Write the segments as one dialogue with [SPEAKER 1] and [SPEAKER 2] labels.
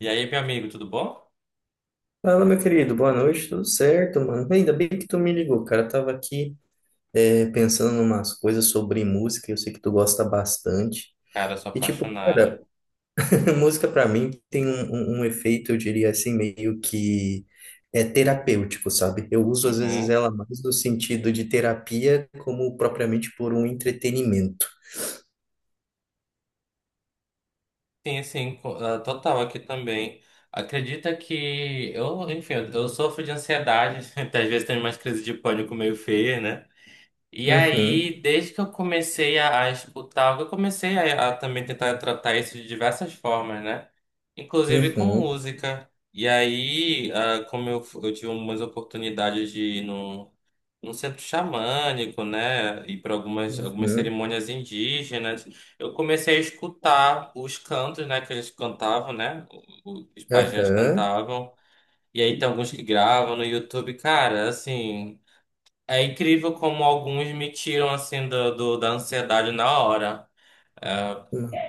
[SPEAKER 1] E aí, meu amigo, tudo bom?
[SPEAKER 2] Fala, meu querido, boa noite, tudo certo, mano? Ainda bem que tu me ligou, cara. Eu tava aqui pensando em umas coisas sobre música, eu sei que tu gosta bastante.
[SPEAKER 1] Cara, eu sou
[SPEAKER 2] E, tipo,
[SPEAKER 1] apaixonado.
[SPEAKER 2] cara, música pra mim tem um efeito, eu diria assim, meio que terapêutico, sabe? Eu uso às vezes
[SPEAKER 1] Uhum.
[SPEAKER 2] ela mais no sentido de terapia, como propriamente por um entretenimento.
[SPEAKER 1] Sim, sim, total aqui também. Acredita que eu, enfim, eu sofro de ansiedade, até às vezes tenho umas crises de pânico meio feia, né? E
[SPEAKER 2] Uhum,
[SPEAKER 1] aí, desde que eu comecei a escutar, eu comecei a também tentar tratar isso de diversas formas, né? Inclusive com
[SPEAKER 2] uhum,
[SPEAKER 1] música. E aí, como eu, eu tive umas oportunidades de ir num num centro xamânico, né? E para algumas
[SPEAKER 2] uhum,
[SPEAKER 1] cerimônias indígenas. Eu comecei a escutar os cantos, né? Que eles cantavam, né? Os pajés
[SPEAKER 2] aham,
[SPEAKER 1] cantavam. E aí tem alguns que gravam no YouTube. Cara, assim, é incrível como alguns me tiram, assim, da ansiedade na hora.
[SPEAKER 2] uhum,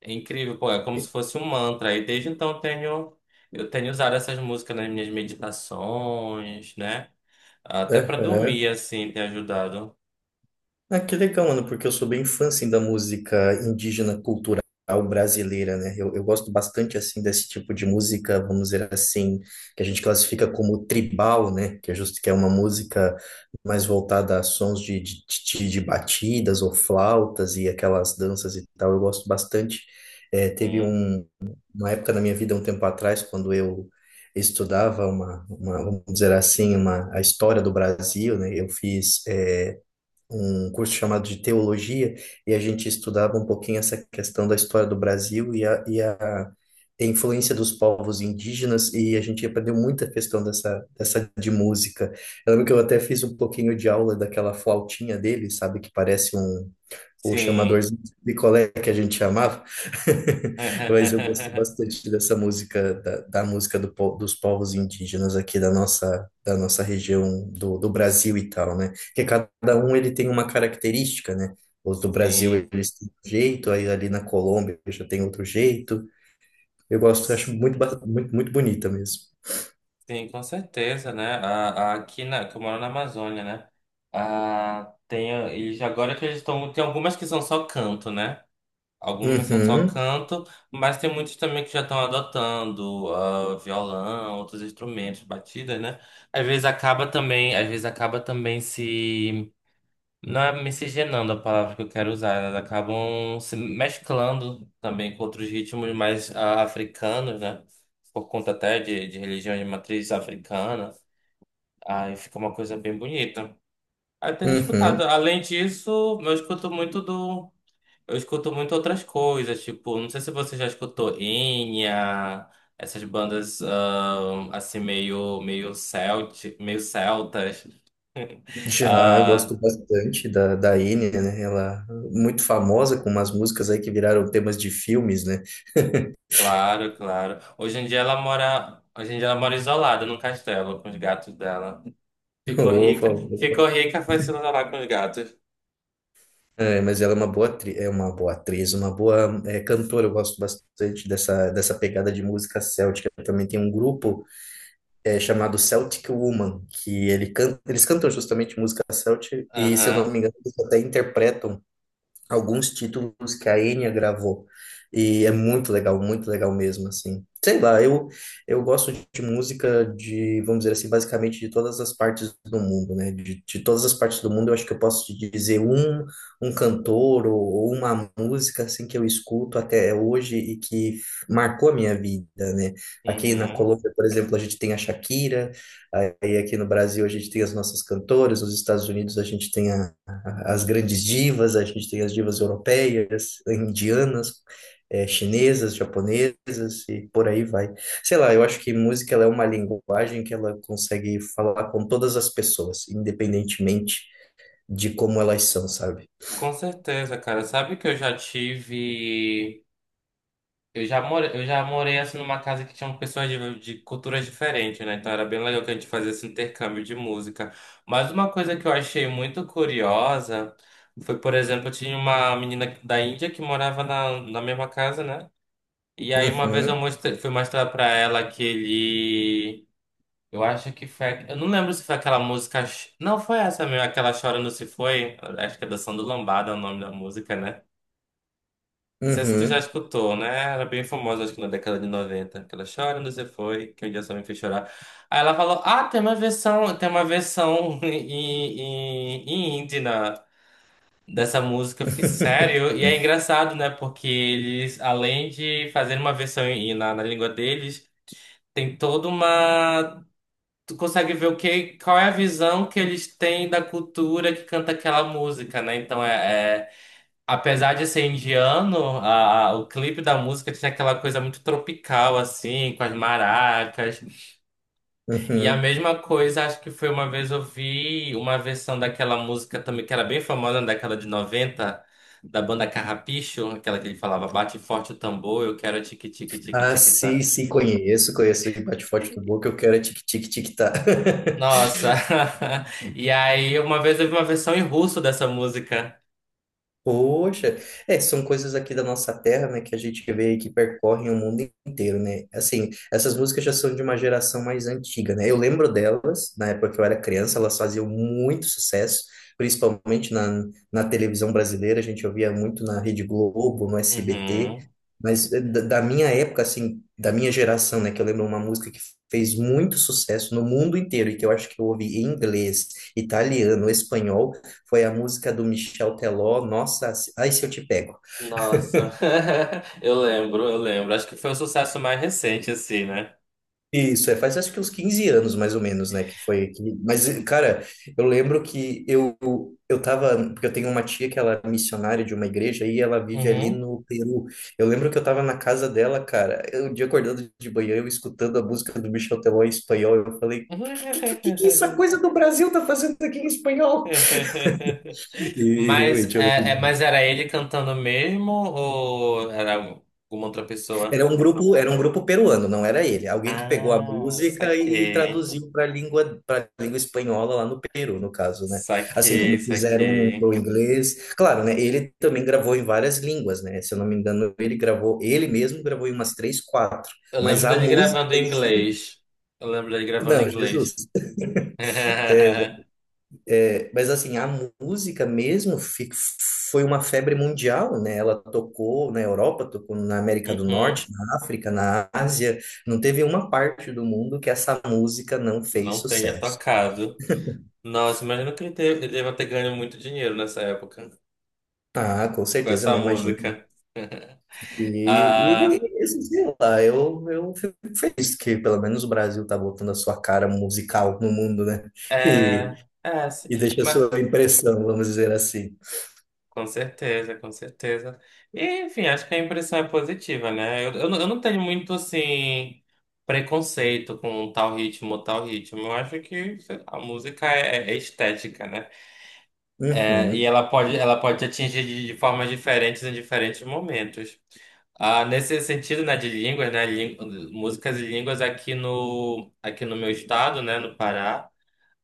[SPEAKER 1] É incrível, pô, é como se fosse um mantra. E desde então eu tenho usado essas músicas nas minhas meditações, né? Até para dormir,
[SPEAKER 2] aham.
[SPEAKER 1] assim, tem ajudado.
[SPEAKER 2] Ah, que legal, mano, porque eu sou bem fã, assim, da música indígena cultural brasileira, né? Eu gosto bastante, assim, desse tipo de música, vamos dizer assim, que a gente classifica como tribal, né? Que é justo que é uma música mais voltada a sons de batidas ou flautas e aquelas danças e tal. Eu gosto bastante. Eh, teve
[SPEAKER 1] Hum.
[SPEAKER 2] um, uma época na minha vida, um tempo atrás, quando eu estudava uma, vamos dizer assim, uma, a história do Brasil, né? Eu fiz um curso chamado de teologia e a gente estudava um pouquinho essa questão da história do Brasil e a influência dos povos indígenas e a gente aprendeu muita questão dessa de música. Eu lembro que eu até fiz um pouquinho de aula daquela flautinha dele, sabe, que parece um, o
[SPEAKER 1] Sim.
[SPEAKER 2] chamadorzinho de picolé que a gente chamava, mas eu gosto bastante dessa música, da música dos povos indígenas aqui da nossa região do Brasil e tal, né? Porque cada um ele tem uma característica, né? Os do Brasil
[SPEAKER 1] Sim.
[SPEAKER 2] eles têm um jeito, aí ali na Colômbia já tem outro jeito. Eu gosto, eu acho muito, muito, muito bonita mesmo.
[SPEAKER 1] Sim, com certeza, né? Aqui na, que eu moro na Amazônia, né? Ah, tem, ah, eles agora que eles estão. Tem algumas que são só canto, né? Algumas são só
[SPEAKER 2] Uhum,
[SPEAKER 1] canto, mas tem muitos também que já estão adotando ah, violão, outros instrumentos, batidas, né? Às vezes acaba também se. Não é miscigenando a palavra que eu quero usar, elas acabam se mesclando também com outros ritmos mais ah, africanos, né? Por conta até de religião de matriz africana. Aí fica uma coisa bem bonita. Aí tenho escutado.
[SPEAKER 2] uhum.
[SPEAKER 1] Além disso, eu escuto muito do. Eu escuto muito outras coisas, tipo, não sei se você já escutou Enya, essas bandas ah, assim meio celtas.
[SPEAKER 2] Já, eu gosto
[SPEAKER 1] ah,
[SPEAKER 2] bastante da Enya, né? Ela é muito famosa com umas músicas aí que viraram temas de filmes, né?
[SPEAKER 1] Claro, claro. Hoje em dia ela mora isolada num castelo com os gatos dela. Ficou
[SPEAKER 2] Ufa,
[SPEAKER 1] rica,
[SPEAKER 2] ufa.
[SPEAKER 1] ficou rica, foi se isolar com os gatos.
[SPEAKER 2] É, mas ela é uma boa é uma boa atriz, uma boa cantora. Eu gosto bastante dessa, dessa pegada de música céltica. Também tem um grupo chamado Celtic Woman, que eles cantam justamente música céltica, e se eu não
[SPEAKER 1] Aham.
[SPEAKER 2] me engano, eles até interpretam alguns títulos que a Enya gravou. E é muito legal mesmo, assim. Sei lá, eu gosto de música de, vamos dizer assim, basicamente de todas as partes do mundo, né? De todas as partes do mundo, eu acho que eu posso te dizer um, um cantor ou uma música, assim, que eu escuto até hoje e que marcou a minha vida, né? Aqui na
[SPEAKER 1] Uhum.
[SPEAKER 2] Colômbia, por exemplo, a gente tem a Shakira, aí aqui no Brasil a gente tem as nossas cantoras, nos Estados Unidos a gente tem a as grandes divas, a gente tem as divas europeias, indianas, chinesas, japonesas e por aí vai. Sei lá, eu acho que música ela é uma linguagem que ela consegue falar com todas as pessoas, independentemente de como elas são, sabe?
[SPEAKER 1] Com certeza, cara. Sabe que eu já tive, eu já morei assim numa casa que tinham pessoas de culturas diferentes, né? Então era bem legal que a gente fazia esse intercâmbio de música. Mas uma coisa que eu achei muito curiosa foi, por exemplo, tinha uma menina da Índia que morava na mesma casa, né? E aí uma vez
[SPEAKER 2] Uhum,
[SPEAKER 1] fui mostrar pra ela aquele. Eu acho que foi. Eu não lembro se foi aquela música. Não foi essa mesmo, aquela Chorando Se Foi. Acho que é Dançando Lambada é o nome da música, né? Não sei se tu já
[SPEAKER 2] uhum.
[SPEAKER 1] escutou, né? Era bem famosa, acho que na década de 90, aquela Chorando Se Foi, que um dia só me fez chorar. Aí ela falou: Ah, tem uma versão em indie dessa música. Eu fiquei sério. E é engraçado, né? Porque eles, além de fazerem uma versão na língua deles. Tem toda uma. Tu consegue ver qual é a visão que eles têm da cultura que canta aquela música, né? Então é- apesar de ser indiano, o clipe da música tinha aquela coisa muito tropical, assim, com as maracas. E a
[SPEAKER 2] Uhum.
[SPEAKER 1] mesma coisa, acho que foi uma vez eu vi uma versão daquela música também, que era bem famosa na década de 90 da banda Carrapicho, aquela que ele falava, bate forte o tambor, eu quero tique tique tique
[SPEAKER 2] Ah,
[SPEAKER 1] tique tá.
[SPEAKER 2] sim, sim, conheço, conheço. E bate forte do boca, eu quero é tic-tic-tic-tá.
[SPEAKER 1] Nossa. E aí, uma vez eu vi uma versão em russo dessa música.
[SPEAKER 2] Poxa, é, são coisas aqui da nossa terra, né, que a gente vê e que percorrem o mundo inteiro, né? Assim, essas músicas já são de uma geração mais antiga, né? Eu lembro delas, na época que eu era criança, elas faziam muito sucesso, principalmente na televisão brasileira, a gente ouvia muito na Rede Globo, no SBT,
[SPEAKER 1] Uhum.
[SPEAKER 2] mas da minha época, assim, da minha geração, né, que eu lembro uma música que fez muito sucesso no mundo inteiro e que eu acho que eu ouvi em inglês, italiano, espanhol, foi a música do Michel Teló, Nossa, Ai Se Eu Te Pego.
[SPEAKER 1] Nossa. Eu lembro, eu lembro. Acho que foi o sucesso mais recente, assim, né?
[SPEAKER 2] Isso, é, faz acho que uns 15 anos mais ou menos, né, mas, cara, eu lembro que eu tava, porque eu tenho uma tia que ela é missionária de uma igreja e ela vive ali
[SPEAKER 1] Uhum.
[SPEAKER 2] no Peru, eu lembro que eu tava na casa dela, cara, eu, um dia acordando de manhã, eu escutando a música do Michel Teló em espanhol, eu falei, que essa coisa do Brasil tá fazendo aqui em espanhol? E
[SPEAKER 1] Mas,
[SPEAKER 2] realmente, eu
[SPEAKER 1] é-
[SPEAKER 2] lembro
[SPEAKER 1] mas era ele cantando mesmo ou era alguma outra
[SPEAKER 2] era
[SPEAKER 1] pessoa?
[SPEAKER 2] um grupo, era um grupo peruano, não era ele. Alguém que pegou a
[SPEAKER 1] Ah,
[SPEAKER 2] música e
[SPEAKER 1] saquei.
[SPEAKER 2] traduziu para língua espanhola lá no Peru, no caso, né? Assim
[SPEAKER 1] Saquei,
[SPEAKER 2] como fizeram
[SPEAKER 1] saquei.
[SPEAKER 2] o inglês. Claro, né? Ele também gravou em várias línguas, né? Se eu não me engano, ele mesmo gravou em umas três, quatro.
[SPEAKER 1] Eu
[SPEAKER 2] Mas
[SPEAKER 1] lembro
[SPEAKER 2] a
[SPEAKER 1] dele
[SPEAKER 2] música
[SPEAKER 1] gravando
[SPEAKER 2] em
[SPEAKER 1] em
[SPEAKER 2] si,
[SPEAKER 1] inglês. Eu lembro dele gravando em
[SPEAKER 2] não, Jesus.
[SPEAKER 1] inglês.
[SPEAKER 2] É, mas assim, a música mesmo foi uma febre mundial, né? Ela tocou na Europa, tocou na América do Norte,
[SPEAKER 1] Uhum.
[SPEAKER 2] na África, na Ásia. Não teve uma parte do mundo que essa música não fez
[SPEAKER 1] Não tenha
[SPEAKER 2] sucesso.
[SPEAKER 1] tocado. Nossa, imagina que ele, ele deva ter ganho muito dinheiro nessa época
[SPEAKER 2] Ah, com
[SPEAKER 1] com
[SPEAKER 2] certeza,
[SPEAKER 1] essa
[SPEAKER 2] né? Imagina.
[SPEAKER 1] música.
[SPEAKER 2] E,
[SPEAKER 1] Ah,
[SPEAKER 2] e e assim, sei lá, eu fico feliz que pelo menos o Brasil tá voltando a sua cara musical no mundo, né? E,
[SPEAKER 1] é, é, sim.
[SPEAKER 2] e deixa a
[SPEAKER 1] Mas,
[SPEAKER 2] sua impressão, vamos dizer assim.
[SPEAKER 1] com certeza, com certeza. E, enfim, acho que a impressão é positiva, né? Eu não tenho muito, assim, preconceito com tal ritmo, tal ritmo. Eu acho que sei lá, a música é estética, né? É, e
[SPEAKER 2] Uhum,
[SPEAKER 1] ela pode te atingir de formas diferentes em diferentes momentos. Ah, nesse sentido, né, de línguas, né, músicas e línguas aqui no meu estado, né, no Pará,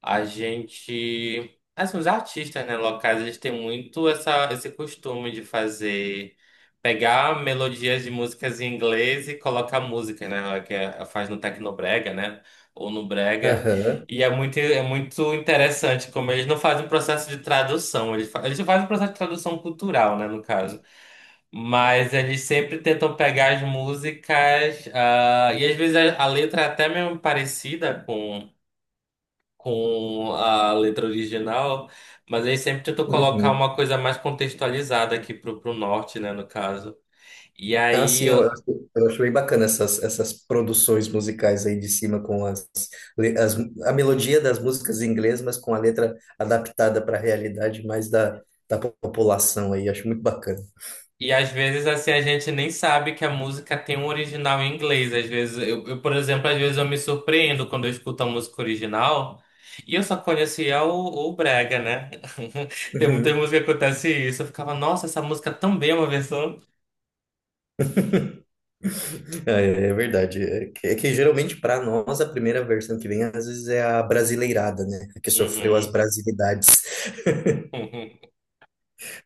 [SPEAKER 1] a gente, assim, os artistas, né, locais, eles têm muito essa, esse costume de fazer, pegar melodias de músicas em inglês e colocar música, né, faz no Tecnobrega, né, ou no Brega,
[SPEAKER 2] aham,
[SPEAKER 1] e é muito interessante como eles não fazem um processo de tradução, eles fazem um processo de tradução cultural, né, no caso. Mas eles sempre tentam pegar as músicas, ah, e às vezes a letra é até mesmo parecida com a letra original, mas eles sempre tentam colocar
[SPEAKER 2] uhum.
[SPEAKER 1] uma coisa mais contextualizada aqui pro, pro norte, né, no caso. E
[SPEAKER 2] Ah, sim,
[SPEAKER 1] aí.
[SPEAKER 2] eu acho bem bacana essas, essas produções musicais aí de cima com as, le- as a melodia das músicas em inglês, mas com a letra adaptada para a realidade mais da população aí, acho muito bacana.
[SPEAKER 1] E às vezes, assim, a gente nem sabe que a música tem um original em inglês. Às vezes, por exemplo, às vezes eu me surpreendo quando eu escuto a música original e eu só conhecia o Brega, né? Tem muita
[SPEAKER 2] Uhum.
[SPEAKER 1] música que acontece isso. Eu ficava, nossa, essa música também é uma versão.
[SPEAKER 2] É, é verdade. É que geralmente para nós a primeira versão que vem às vezes é a brasileirada, né? A que sofreu as
[SPEAKER 1] Uhum,
[SPEAKER 2] brasilidades.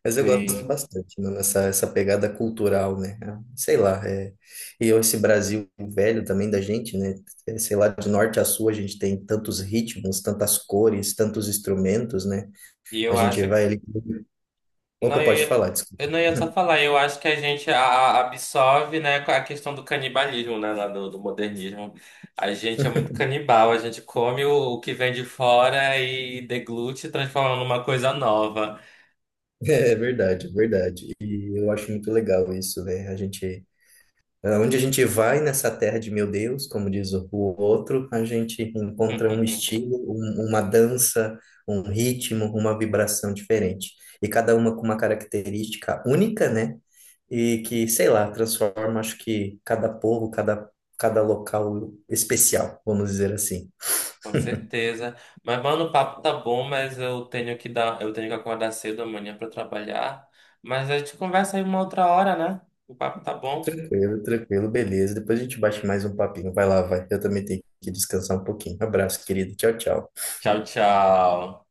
[SPEAKER 2] Mas eu gosto
[SPEAKER 1] sim.
[SPEAKER 2] bastante, mano, essa pegada cultural, né? Ah, sei lá, é... e eu, esse Brasil velho também da gente, né? É, sei lá, de norte a sul a gente tem tantos ritmos, tantas cores, tantos instrumentos, né?
[SPEAKER 1] E
[SPEAKER 2] A
[SPEAKER 1] eu
[SPEAKER 2] gente
[SPEAKER 1] acho.
[SPEAKER 2] vai ali... Opa,
[SPEAKER 1] Não, eu
[SPEAKER 2] pode
[SPEAKER 1] ia,
[SPEAKER 2] falar, desculpa.
[SPEAKER 1] eu não ia só falar, eu acho que a gente absorve, né, a questão do canibalismo, né, do modernismo. A gente é muito canibal, a gente come o que vem de fora e deglute, transformando numa coisa nova.
[SPEAKER 2] É verdade, é verdade. E eu acho muito legal isso, né? A gente ah, onde a gente vai nessa terra de meu Deus, como diz o outro, a gente encontra um estilo, uma dança, um ritmo, uma vibração diferente. E cada uma com uma característica única, né? E que, sei lá, transforma, acho que cada povo, cada, cada local especial, vamos dizer assim.
[SPEAKER 1] Com certeza. Mas, mano, o papo tá bom, mas eu tenho que acordar cedo amanhã pra trabalhar. Mas a gente conversa aí uma outra hora, né? O papo tá bom.
[SPEAKER 2] Tranquilo, tranquilo, beleza. Depois a gente bate mais um papinho. Vai lá, vai. Eu também tenho que descansar um pouquinho. Abraço, querido. Tchau, tchau.
[SPEAKER 1] Tchau, tchau.